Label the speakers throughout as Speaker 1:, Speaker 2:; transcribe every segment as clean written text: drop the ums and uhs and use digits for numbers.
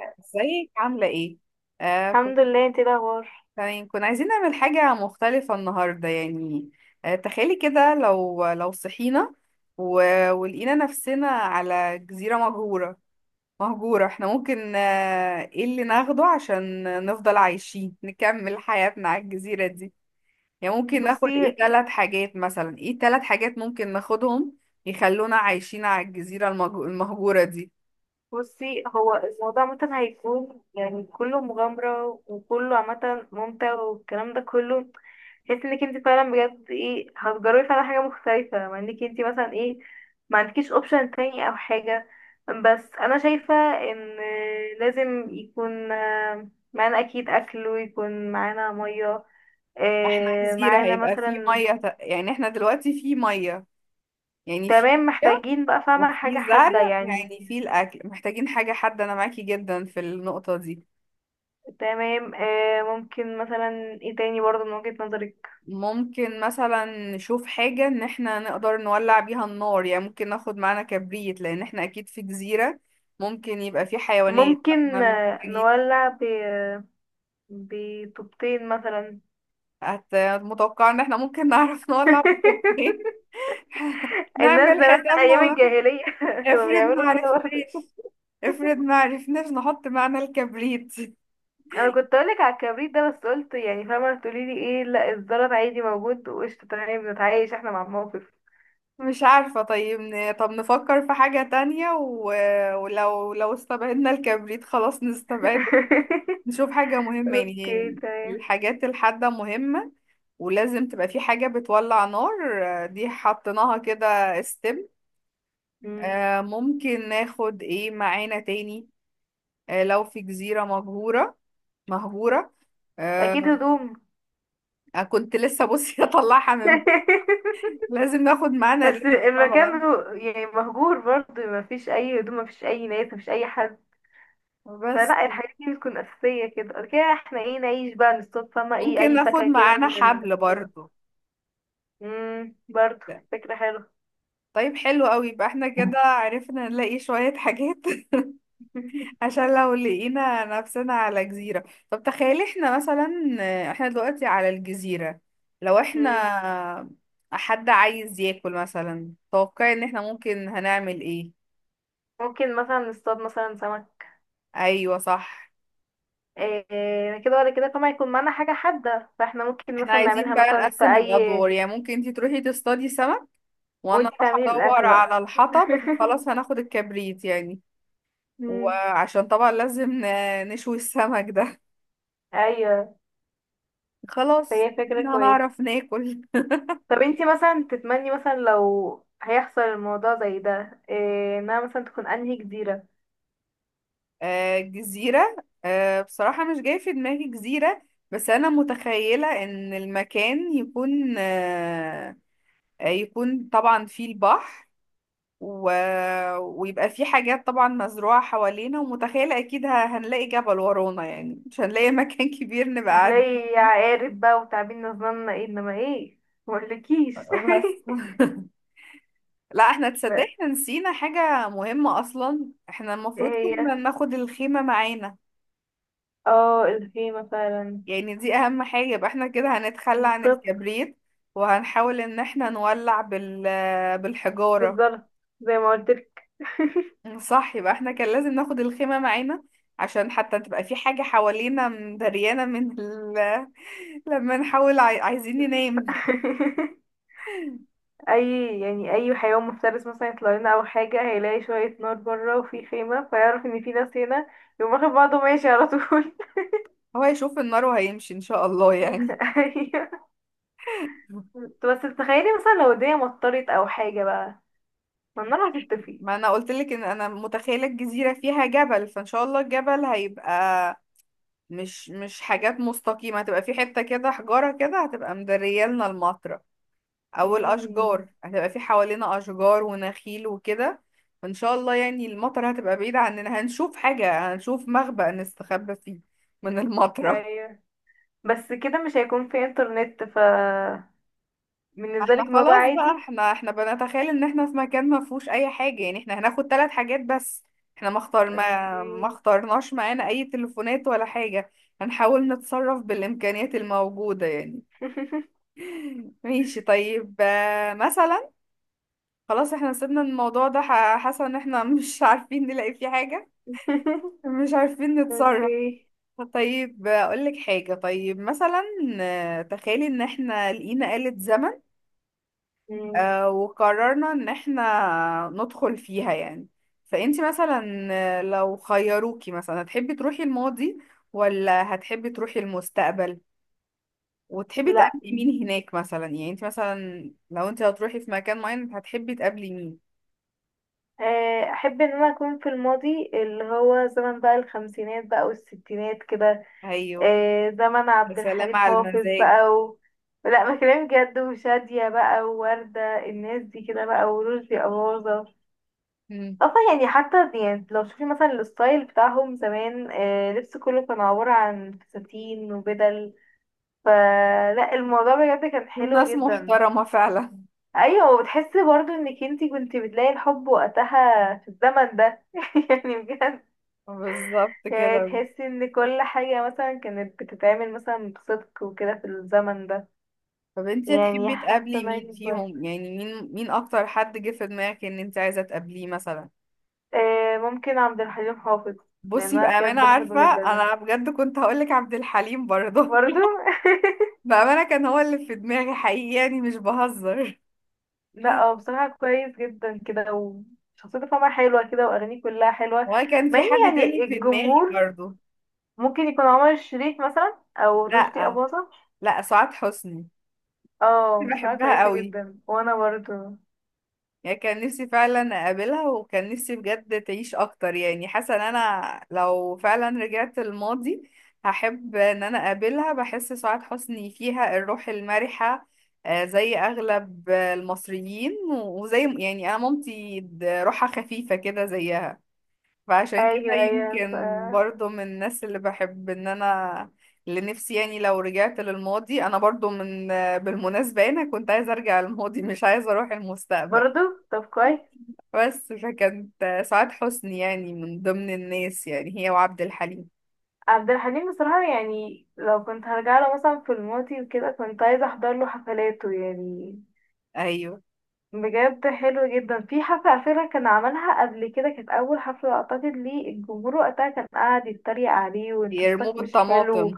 Speaker 1: ازيك عاملة ايه؟ كنت
Speaker 2: الحمد لله، انت ايه الاخبار؟
Speaker 1: تمام. كنا عايزين نعمل حاجة مختلفة النهاردة يعني. تخيلي كده لو صحينا و... ولقينا نفسنا على جزيرة مهجورة. احنا ممكن ايه اللي ناخده عشان نفضل عايشين، نكمل حياتنا على الجزيرة دي؟ يعني ممكن ناخد
Speaker 2: بصي
Speaker 1: ايه ثلاث حاجات مثلا، ايه ثلاث حاجات ممكن ناخدهم يخلونا عايشين على الجزيرة المهجورة دي؟
Speaker 2: بصي هو الموضوع عامة هيكون يعني كله مغامرة وكله عامة ممتع والكلام ده كله. تحس انك انت فعلا بجد ايه هتجربي فعلا حاجة مختلفة مع انك انت مثلا ايه، ما عندكيش اوبشن تاني او حاجة. بس انا شايفة ان لازم يكون معانا اكيد اكل ويكون معانا مية،
Speaker 1: احنا جزيرة
Speaker 2: معانا
Speaker 1: هيبقى في
Speaker 2: مثلا.
Speaker 1: مية. يعني احنا دلوقتي في مية، يعني في
Speaker 2: تمام،
Speaker 1: مية
Speaker 2: محتاجين بقى فاهمة حاجة
Speaker 1: وفي زرع،
Speaker 2: حادة يعني.
Speaker 1: يعني في الأكل محتاجين حاجة حد. أنا معاكي جدا في النقطة دي.
Speaker 2: تمام، ممكن مثلا. ايه تاني برضه من وجهة نظرك؟
Speaker 1: ممكن مثلا نشوف حاجة إن احنا نقدر نولع بيها النار، يعني ممكن ناخد معانا كبريت. لأن احنا أكيد في جزيرة ممكن يبقى في حيوانات فاحنا
Speaker 2: ممكن
Speaker 1: محتاجين.
Speaker 2: نولع ب بطوبتين مثلا.
Speaker 1: هت- متوقع إن احنا ممكن نعرف نولع بخوفين.
Speaker 2: الناس
Speaker 1: نعمل
Speaker 2: زمان ايام
Speaker 1: حسابنا.
Speaker 2: الجاهلية كانوا
Speaker 1: افرض
Speaker 2: بيعملوا
Speaker 1: ما
Speaker 2: كده برضه.
Speaker 1: عرفناش، افرض ما عرفناش نحط معنى الكبريت.
Speaker 2: انا كنت اقولك على الكبريت ده بس قلت يعني فاهمة تقولي لي ايه، لا الزلط عادي موجود وقشطة، تمام بنتعايش احنا مع الموقف.
Speaker 1: مش عارفة، طيب طب نفكر في حاجة تانية ولو استبعدنا الكبريت خلاص نستبعده. نشوف حاجة مهمة، يعني هي
Speaker 2: اوكي تمام.
Speaker 1: الحاجات الحادة مهمة، ولازم تبقى في حاجة بتولع نار. دي حطيناها كده. استم.
Speaker 2: مم.
Speaker 1: ممكن ناخد ايه معانا تاني؟ لو في جزيرة مهجورة، مهجورة،
Speaker 2: اكيد
Speaker 1: آه،
Speaker 2: هدوم.
Speaker 1: كنت لسه بصي اطلعها من. لازم ناخد معانا
Speaker 2: بس
Speaker 1: لبس.
Speaker 2: المكان
Speaker 1: طبعا
Speaker 2: يعني مهجور برضه، ما فيش اي هدوم، ما فيش اي ناس، ما فيش اي حد.
Speaker 1: بس.
Speaker 2: فلا الحاجات دي بتكون اساسيه كده، بعد كده احنا ايه نعيش بقى، نصطاد، فما ايه
Speaker 1: ممكن
Speaker 2: اي
Speaker 1: ناخد
Speaker 2: فاكهه كده
Speaker 1: معانا حبل برضو.
Speaker 2: برضه، فكره حلوه.
Speaker 1: طيب حلو قوي. يبقى احنا كده عرفنا نلاقي شوية حاجات. عشان لو لقينا نفسنا على جزيرة. طب تخيلي احنا مثلا، احنا دلوقتي على الجزيرة، لو
Speaker 2: مم.
Speaker 1: احنا حد عايز ياكل مثلا، توقعي ان احنا ممكن هنعمل ايه.
Speaker 2: ممكن مثلا نصطاد مثلا سمك.
Speaker 1: ايوه صح.
Speaker 2: إيه، كده ولا كده، طبعا يكون معانا حاجه حاده، فاحنا ممكن
Speaker 1: احنا
Speaker 2: مثلا
Speaker 1: عايزين
Speaker 2: نعملها
Speaker 1: بقى
Speaker 2: مثلا في
Speaker 1: نقسم
Speaker 2: اي.
Speaker 1: الادوار، يعني ممكن انتي تروحي تصطادي سمك، وانا
Speaker 2: وانتي
Speaker 1: اروح
Speaker 2: تعملي
Speaker 1: ادور
Speaker 2: الاكل بقى.
Speaker 1: على الحطب. احنا خلاص هناخد الكبريت يعني.
Speaker 2: مم.
Speaker 1: وعشان طبعا لازم نشوي السمك ده.
Speaker 2: ايوه،
Speaker 1: خلاص
Speaker 2: فهي فكره
Speaker 1: ادينا
Speaker 2: كويسه.
Speaker 1: هنعرف ناكل.
Speaker 2: طب انتي مثلا تتمني مثلا لو هيحصل الموضوع زي ده إيه، انها مثلا تكون انهي جزيرة؟
Speaker 1: جزيرة. بصراحة مش جاي في دماغي جزيرة، بس أنا متخيلة إن المكان يكون يكون طبعا فيه البحر و... ويبقى فيه حاجات طبعا مزروعة حوالينا، ومتخيلة أكيد هنلاقي جبل ورانا، يعني مش هنلاقي مكان كبير نبقى قاعدين
Speaker 2: هتلاقي
Speaker 1: فيه
Speaker 2: عقارب بقى وتعابين، نظامنا ايه انما ايه، مقولكيش.
Speaker 1: بس. لا، احنا تصدق
Speaker 2: ايه
Speaker 1: احنا نسينا حاجة مهمة اصلا، احنا المفروض
Speaker 2: هي،
Speaker 1: كنا ناخد الخيمة معانا.
Speaker 2: اه الخيمة فعلا،
Speaker 1: يعني دي اهم حاجة. يبقى احنا كده هنتخلى عن
Speaker 2: بالظبط،
Speaker 1: الكبريت وهنحاول ان احنا نولع بال، بالحجارة.
Speaker 2: بالظبط زي ما قلتلك.
Speaker 1: صح، يبقى احنا كان لازم ناخد الخيمة معانا، عشان حتى تبقى في حاجة حوالينا مدريانة من لما نحاول عايزين ننام.
Speaker 2: اي يعني اي حيوان مفترس مثلا يطلع لنا او حاجة، هيلاقي شوية نار بره وفي خيمة، فيعرف ان في ناس هنا، يقوم واخد بعضه ماشي على طول.
Speaker 1: هو هيشوف النار وهيمشي ان شاء الله يعني.
Speaker 2: ايوه، انت بس تخيلي مثلا لو الدنيا مطرت او حاجة بقى، ما النار هتطفي.
Speaker 1: ما انا قلت لك ان انا متخيله الجزيره فيها جبل، فان شاء الله الجبل هيبقى مش حاجات مستقيمه، هتبقى في حته كده حجاره كده هتبقى مدريالنا المطره. او
Speaker 2: مم.
Speaker 1: الاشجار هتبقى في حوالينا اشجار ونخيل وكده. فان شاء الله يعني المطره هتبقى بعيده عننا، هنشوف حاجه، هنشوف مخبأ نستخبى فيه من المطره.
Speaker 2: ايوه. بس كده مش هيكون في انترنت، ف بالنسبة
Speaker 1: احنا
Speaker 2: لك الموضوع
Speaker 1: خلاص بقى،
Speaker 2: عادي.
Speaker 1: احنا بنتخيل ان احنا في مكان ما فيهوش اي حاجة يعني. احنا هناخد ثلاث حاجات بس. احنا ما اختار ما
Speaker 2: اوكي.
Speaker 1: ما اخترناش معانا اي تليفونات ولا حاجة. هنحاول نتصرف بالامكانيات الموجودة يعني. ماشي طيب، مثلا، خلاص احنا سيبنا الموضوع ده. حاسة ان احنا مش عارفين نلاقي فيه حاجة، مش عارفين نتصرف.
Speaker 2: اوكي.
Speaker 1: طيب اقول لك حاجة. طيب مثلا، تخيلي ان احنا لقينا آلة زمن،
Speaker 2: مم.
Speaker 1: وقررنا ان احنا ندخل فيها يعني. فانتي مثلا لو خيروكي مثلا هتحبي تروحي الماضي ولا هتحبي تروحي المستقبل؟ وتحبي
Speaker 2: لا،
Speaker 1: تقابلي مين هناك مثلا؟ يعني انتي مثلا لو انتي هتروحي في مكان معين هتحبي تقابلي مين؟
Speaker 2: احب ان انا اكون في الماضي، اللي هو زمن بقى الخمسينات بقى والستينات كده،
Speaker 1: ايوه.
Speaker 2: زمن
Speaker 1: يا
Speaker 2: عبد
Speaker 1: سلام
Speaker 2: الحليم
Speaker 1: على
Speaker 2: حافظ
Speaker 1: المزاج.
Speaker 2: بقى لا، ما كلام جد، وشادية بقى، ووردة، الناس دي كده بقى، ورشدي أباظة.
Speaker 1: مم.
Speaker 2: اصلا يعني حتى يعني لو شوفي مثلا الستايل بتاعهم زمان، لبس كله كان عبارة عن فساتين وبدل، فلا الموضوع بجد كان
Speaker 1: يوم
Speaker 2: حلو
Speaker 1: ناس
Speaker 2: جدا.
Speaker 1: محترمة فعلا.
Speaker 2: ايوه، وبتحسي برضو انك انتي كنتي بتلاقي الحب وقتها في الزمن ده، يعني بجد،
Speaker 1: بالظبط
Speaker 2: يعني
Speaker 1: كده.
Speaker 2: تحسي ان كل حاجة مثلا كانت بتتعمل مثلا بصدق وكده في الزمن ده.
Speaker 1: طب انتي
Speaker 2: يعني
Speaker 1: هتحبي
Speaker 2: حاسة
Speaker 1: تقابلي
Speaker 2: إن
Speaker 1: مين
Speaker 2: أنا
Speaker 1: فيهم؟
Speaker 2: كويس،
Speaker 1: يعني مين، مين اكتر حد جه في دماغك ان انتي عايزة تقابليه مثلا؟
Speaker 2: ممكن عبد الحليم حافظ، لان
Speaker 1: بصي
Speaker 2: انا
Speaker 1: بأمانة،
Speaker 2: بجد بحبه
Speaker 1: عارفة
Speaker 2: جدا
Speaker 1: أنا بجد كنت هقولك عبد الحليم برضه.
Speaker 2: برضو.
Speaker 1: بأمانة كان هو اللي في دماغي حقيقي يعني مش بهزر.
Speaker 2: لا، هو بصراحة كويس جدا كده، وشخصيته فما حلوة كده، وأغانيه كلها حلوة،
Speaker 1: هو كان
Speaker 2: مع
Speaker 1: في
Speaker 2: إن
Speaker 1: حد تاني
Speaker 2: يعني
Speaker 1: في دماغي
Speaker 2: الجمهور.
Speaker 1: برضه.
Speaker 2: ممكن يكون عمر الشريف مثلا أو رشدي
Speaker 1: لأ،
Speaker 2: أباظة.
Speaker 1: لأ سعاد حسني.
Speaker 2: اه، بصراحة
Speaker 1: بحبها
Speaker 2: كويسة
Speaker 1: قوي،
Speaker 2: جدا، وأنا برضو
Speaker 1: يعني كان نفسي فعلا اقابلها، وكان نفسي بجد تعيش اكتر. يعني حاسه ان انا لو فعلا رجعت الماضي هحب ان انا اقابلها. بحس سعاد حسني فيها الروح المرحه زي اغلب المصريين، وزي يعني انا مامتي روحها خفيفه كده زيها. فعشان كده
Speaker 2: أيوة أيوة ف
Speaker 1: يمكن برضو من الناس اللي بحب ان انا، اللي نفسي يعني لو رجعت للماضي. انا برضو من بالمناسبه انا كنت عايزه ارجع للماضي مش عايزه اروح المستقبل.
Speaker 2: برضو. طب كويس.
Speaker 1: بس فكانت سعاد حسني يعني من ضمن الناس، يعني هي وعبد الحليم.
Speaker 2: عبد الحليم بصراحة، يعني لو كنت هرجع له مثلا في الماضي وكده، كنت عايزة أحضر له حفلاته يعني.
Speaker 1: ايوه.
Speaker 2: بجد حلو جدا. في حفلة على فكرة كان عملها قبل كده، كانت أول حفلة أعتقد ليه، الجمهور وقتها كان قاعد يتريق عليه، وانت
Speaker 1: يرموه
Speaker 2: صوتك مش حلو.
Speaker 1: بالطماطم.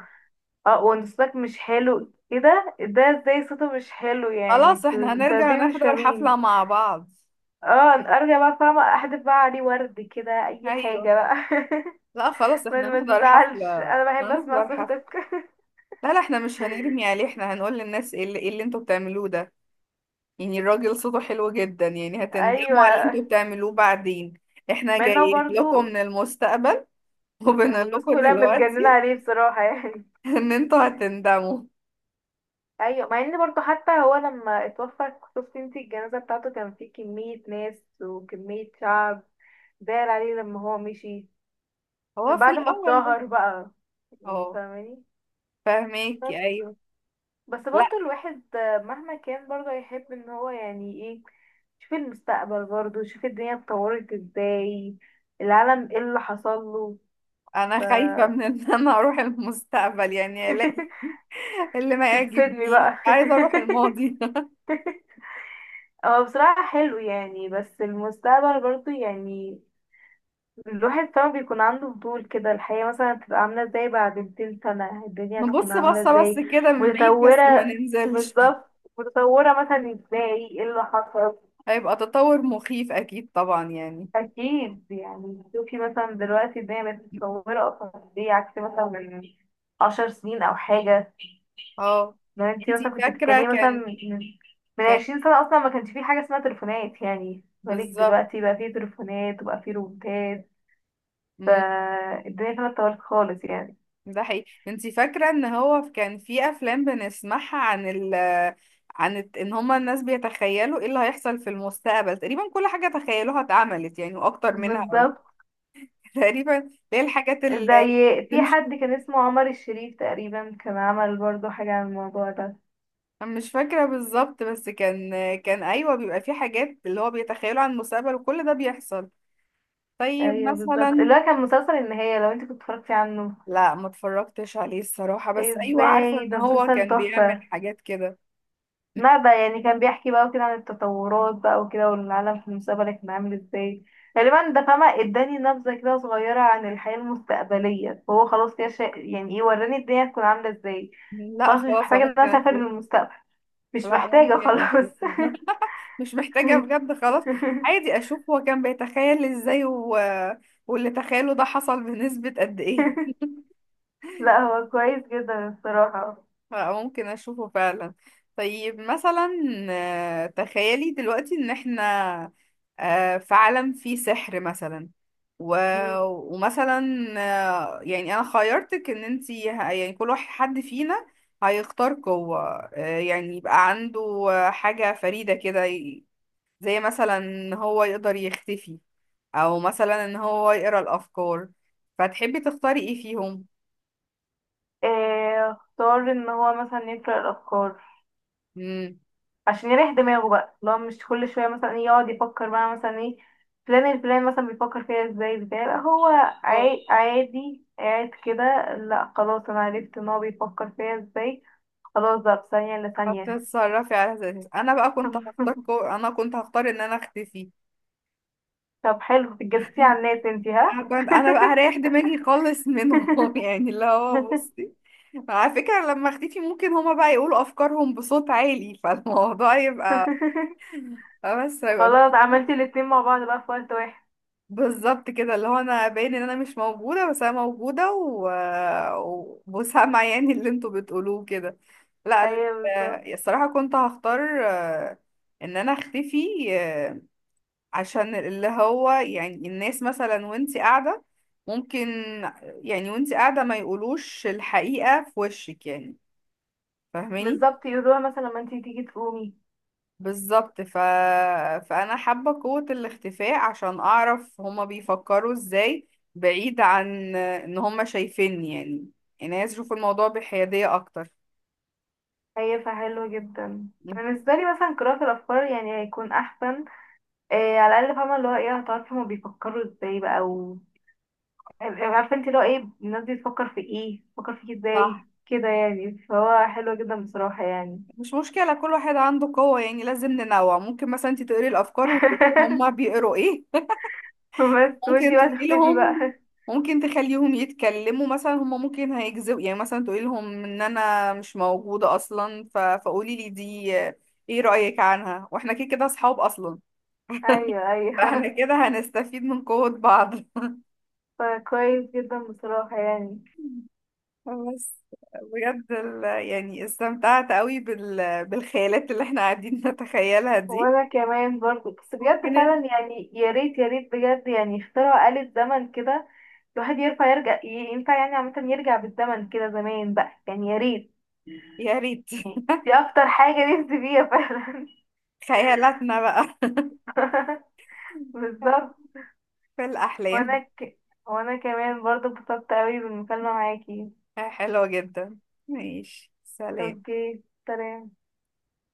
Speaker 2: اه، وانت صوتك مش حلو، ايه ده ازاي صوته مش حلو، يعني
Speaker 1: خلاص
Speaker 2: انتوا
Speaker 1: احنا
Speaker 2: انتوا
Speaker 1: هنرجع
Speaker 2: ازاي مش
Speaker 1: نحضر
Speaker 2: فاهمين.
Speaker 1: حفلة مع بعض.
Speaker 2: اه ارجع بقى، فاهمة احدف بقى عليه ورد كده اي
Speaker 1: ايوه.
Speaker 2: حاجة بقى.
Speaker 1: لا خلاص
Speaker 2: ما
Speaker 1: احنا
Speaker 2: ما
Speaker 1: هنحضر حفلة.
Speaker 2: تزعلش، انا بحب اسمع
Speaker 1: هنحضر
Speaker 2: صوتك.
Speaker 1: حفلة. لا، لا احنا مش هنرمي عليه. احنا هنقول للناس ايه اللي، إيه اللي انتوا بتعملوه ده؟ يعني الراجل صوته حلو جدا يعني، هتندموا على اللي
Speaker 2: ايوه،
Speaker 1: انتوا بتعملوه بعدين. احنا
Speaker 2: مع انه
Speaker 1: جايين لكم
Speaker 2: برضو
Speaker 1: من المستقبل، وبنقول
Speaker 2: والناس
Speaker 1: لكم
Speaker 2: كلها متجننة
Speaker 1: دلوقتي
Speaker 2: عليه بصراحة يعني.
Speaker 1: ان انتوا هتندموا.
Speaker 2: ايوه، مع ان برضو حتى هو لما اتوفى، شفتي انتي الجنازة بتاعته، كان فيه كمية ناس وكمية شعب داير عليه لما هو مشي،
Speaker 1: هو
Speaker 2: من
Speaker 1: في
Speaker 2: بعد ما
Speaker 1: الاول بس.
Speaker 2: اتشهر بقى، يعني
Speaker 1: اه.
Speaker 2: فاهماني.
Speaker 1: فاهماكي
Speaker 2: بس،
Speaker 1: ايوه.
Speaker 2: بس
Speaker 1: لا
Speaker 2: برضو الواحد مهما كان برضو يحب ان هو يعني ايه، شوف المستقبل برضو، شوف الدنيا اتطورت ازاي، العالم ايه اللي حصل له. ف
Speaker 1: انا خايفه من ان انا اروح المستقبل، يعني الاقي اللي ما
Speaker 2: تتصدمي
Speaker 1: يعجبنيش.
Speaker 2: بقى.
Speaker 1: عايزه اروح الماضي.
Speaker 2: هو بصراحة حلو يعني، بس المستقبل برضو يعني الواحد طبعا بيكون عنده فضول كده، الحياة مثلا هتبقى عاملة ازاي بعد 200 سنة، الدنيا هتكون
Speaker 1: نبص
Speaker 2: عاملة
Speaker 1: بصه بس
Speaker 2: ازاي،
Speaker 1: كده من بعيد، بس ما
Speaker 2: متطورة.
Speaker 1: ننزلش.
Speaker 2: بالظبط، متطورة مثلا ازاي، ايه اللي حصل.
Speaker 1: هيبقى تطور مخيف اكيد طبعا يعني.
Speaker 2: أكيد، يعني شوفي مثلا دلوقتي الدنيا بقت متطورة أصلا ازاي عكس مثلا من 10 سنين أو حاجة.
Speaker 1: اه.
Speaker 2: لو انتي مثلا
Speaker 1: انتي
Speaker 2: كنت
Speaker 1: فاكره.
Speaker 2: بتتكلمي مثلا
Speaker 1: كان.
Speaker 2: من
Speaker 1: كان
Speaker 2: 20 سنة، أصلا ما كانش في حاجة اسمها تليفونات، يعني بالك
Speaker 1: بالظبط.
Speaker 2: دلوقتي بقى في تليفونات وبقى في روبوتات،
Speaker 1: مم.
Speaker 2: فالدنيا كانت اتطورت خالص يعني.
Speaker 1: ده حقيقي. انتي فاكرة ان هو كان في افلام بنسمعها عن ال، عن ان هما الناس بيتخيلوا ايه اللي هيحصل في المستقبل؟ تقريبا كل حاجة تخيلوها اتعملت يعني واكتر منها.
Speaker 2: بالظبط.
Speaker 1: تقريبا اللي هي الحاجات اللي
Speaker 2: زي في
Speaker 1: مش
Speaker 2: حد كان اسمه عمر الشريف تقريبا، كان عمل برضو حاجة عن الموضوع ده.
Speaker 1: مش فاكرة بالظبط، بس كان ايوه بيبقى في حاجات اللي هو بيتخيلوا عن المستقبل وكل ده بيحصل. طيب
Speaker 2: ايوه بالظبط، اللي
Speaker 1: مثلا.
Speaker 2: هو كان مسلسل النهاية، لو انت كنت اتفرجتي عنه.
Speaker 1: لا ما اتفرجتش عليه الصراحة، بس ايوه عارفة
Speaker 2: ازاي،
Speaker 1: ان
Speaker 2: ده
Speaker 1: هو
Speaker 2: مسلسل
Speaker 1: كان بيعمل
Speaker 2: تحفة،
Speaker 1: حاجات كده.
Speaker 2: ما بقى يعني كان بيحكي بقى وكده عن التطورات بقى وكده، والعالم في المستقبل كان عامل ازاي. غالبا ده فاهمة، اداني نبذة كده صغيرة عن الحياة المستقبليه، فهو خلاص كده يعني ايه وراني الدنيا هتكون عاملة ازاي،
Speaker 1: لا
Speaker 2: خلاص مش
Speaker 1: خلاص
Speaker 2: محتاجة
Speaker 1: أنا
Speaker 2: ان انا
Speaker 1: ممكن
Speaker 2: اسافر
Speaker 1: اشوف.
Speaker 2: للمستقبل، مش
Speaker 1: لا
Speaker 2: محتاجة
Speaker 1: ممكن
Speaker 2: خلاص.
Speaker 1: اشوفه. مش محتاجة بجد خلاص. عادي اشوف هو كان بيتخيل ازاي واللي تخيله ده حصل بنسبة قد ايه.
Speaker 2: لا هو كويس جدا الصراحة.
Speaker 1: فممكن اشوفه فعلا. طيب مثلا، تخيلي دلوقتي ان احنا في عالم فيه سحر مثلا، و...
Speaker 2: مم.
Speaker 1: ومثلا، يعني انا خيرتك ان انتي يعني كل واحد، حد فينا هيختار قوة. يعني يبقى عنده حاجة فريدة كده، زي مثلا ان هو يقدر يختفي، او مثلا ان هو يقرا الافكار. فتحبي تختاري ايه فيهم؟
Speaker 2: إيه، اختار ان هو مثلا يقرأ الافكار،
Speaker 1: امم
Speaker 2: عشان يريح دماغه بقى لو مش كل شوية مثلا إيه يقعد يفكر بقى مثلا ايه، فلان الفلان مثلا بيفكر فيها ازاي بتاع، لا هو
Speaker 1: اه.
Speaker 2: عادي قاعد كده، لا خلاص انا عرفت ان هو بيفكر فيها ازاي، خلاص بقى في ثانية الا ثانية.
Speaker 1: فتتصرفي على اساس إيه؟ انا بقى كنت هختار انا كنت هختار ان انا اختفي.
Speaker 2: طب حلو، بتجسسي على الناس انتي، ها.
Speaker 1: انا كنت انا بقى هريح دماغي خالص منهم. يعني اللي هو بصي، على فكرة لما اختفي ممكن هما بقى يقولوا افكارهم بصوت عالي، فالموضوع يبقى، بس هيبقى
Speaker 2: خلاص عملتي الاتنين مع بعض بقى في وقت واحد.
Speaker 1: بالظبط كده اللي هو انا باين ان انا مش موجوده بس انا موجوده وسامعه يعني اللي انتوا بتقولوه كده. لا
Speaker 2: ايوه بالظبط.
Speaker 1: الصراحه كنت هختار آه، ان انا اختفي، عشان اللي هو يعني الناس مثلا وانتي قاعده ممكن، يعني وانتي قاعده ما يقولوش الحقيقه في وشك يعني. فاهماني.
Speaker 2: بالظبط، يقولوها مثلا لما انتي تيجي تقومي.
Speaker 1: بالظبط فانا حابه قوه الاختفاء عشان اعرف هما بيفكروا ازاي، بعيد عن ان هما شايفيني يعني. يعني عايز اشوف الموضوع بحياديه اكتر.
Speaker 2: هي فحلو جدا. أنا بالنسبة لي مثلا قراءة الأفكار يعني هيكون أحسن. إيه، على الأقل فاهمة اللي هو ايه هتعرفي هما بيفكروا ازاي بقى، و عارفة انتي اللي هو ايه الناس دي بتفكر في ايه، بتفكر فيكي ازاي
Speaker 1: صح.
Speaker 2: كده، يعني فهو حلو جدا بصراحة يعني.
Speaker 1: مش مشكله، كل واحد عنده قوه يعني لازم ننوع. ممكن مثلا انت تقري الافكار وتقولي هما بيقروا ايه.
Speaker 2: بس وانتي
Speaker 1: ممكن
Speaker 2: بقى
Speaker 1: تقولي
Speaker 2: تختفي بقى.
Speaker 1: لهم. ممكن تخليهم يتكلموا مثلا، هما ممكن هيكذبوا يعني، مثلا تقولي لهم ان انا مش موجوده اصلا فقولي لي دي ايه رايك عنها، واحنا كده كده اصحاب اصلا.
Speaker 2: أيوه
Speaker 1: فاحنا
Speaker 2: أيوه،
Speaker 1: كده هنستفيد من قوة بعض.
Speaker 2: فكويس جدا بصراحة يعني.
Speaker 1: بس بجد يعني استمتعت قوي بالخيالات اللي احنا قاعدين نتخيلها دي.
Speaker 2: وانا كمان برضو، بس بجد
Speaker 1: وكانت
Speaker 2: فعلا، يعني يا ريت يا ريت بجد يعني اخترعوا آلة زمن كده، الواحد ينفع يرجع، ينفع يعني عامة يرجع بالزمن كده زمان بقى، يعني يا ريت
Speaker 1: يا ريت.
Speaker 2: يعني، دي أكتر حاجة نفسي فيها فعلا.
Speaker 1: خيالاتنا بقى.
Speaker 2: بالظبط.
Speaker 1: في
Speaker 2: وأنا
Speaker 1: الأحلام.
Speaker 2: وأنا كمان برضه اتبسطت أوي بالمكالمة معاكي.
Speaker 1: حلوة جدا. ماشي، سلام.
Speaker 2: أوكي، سلام.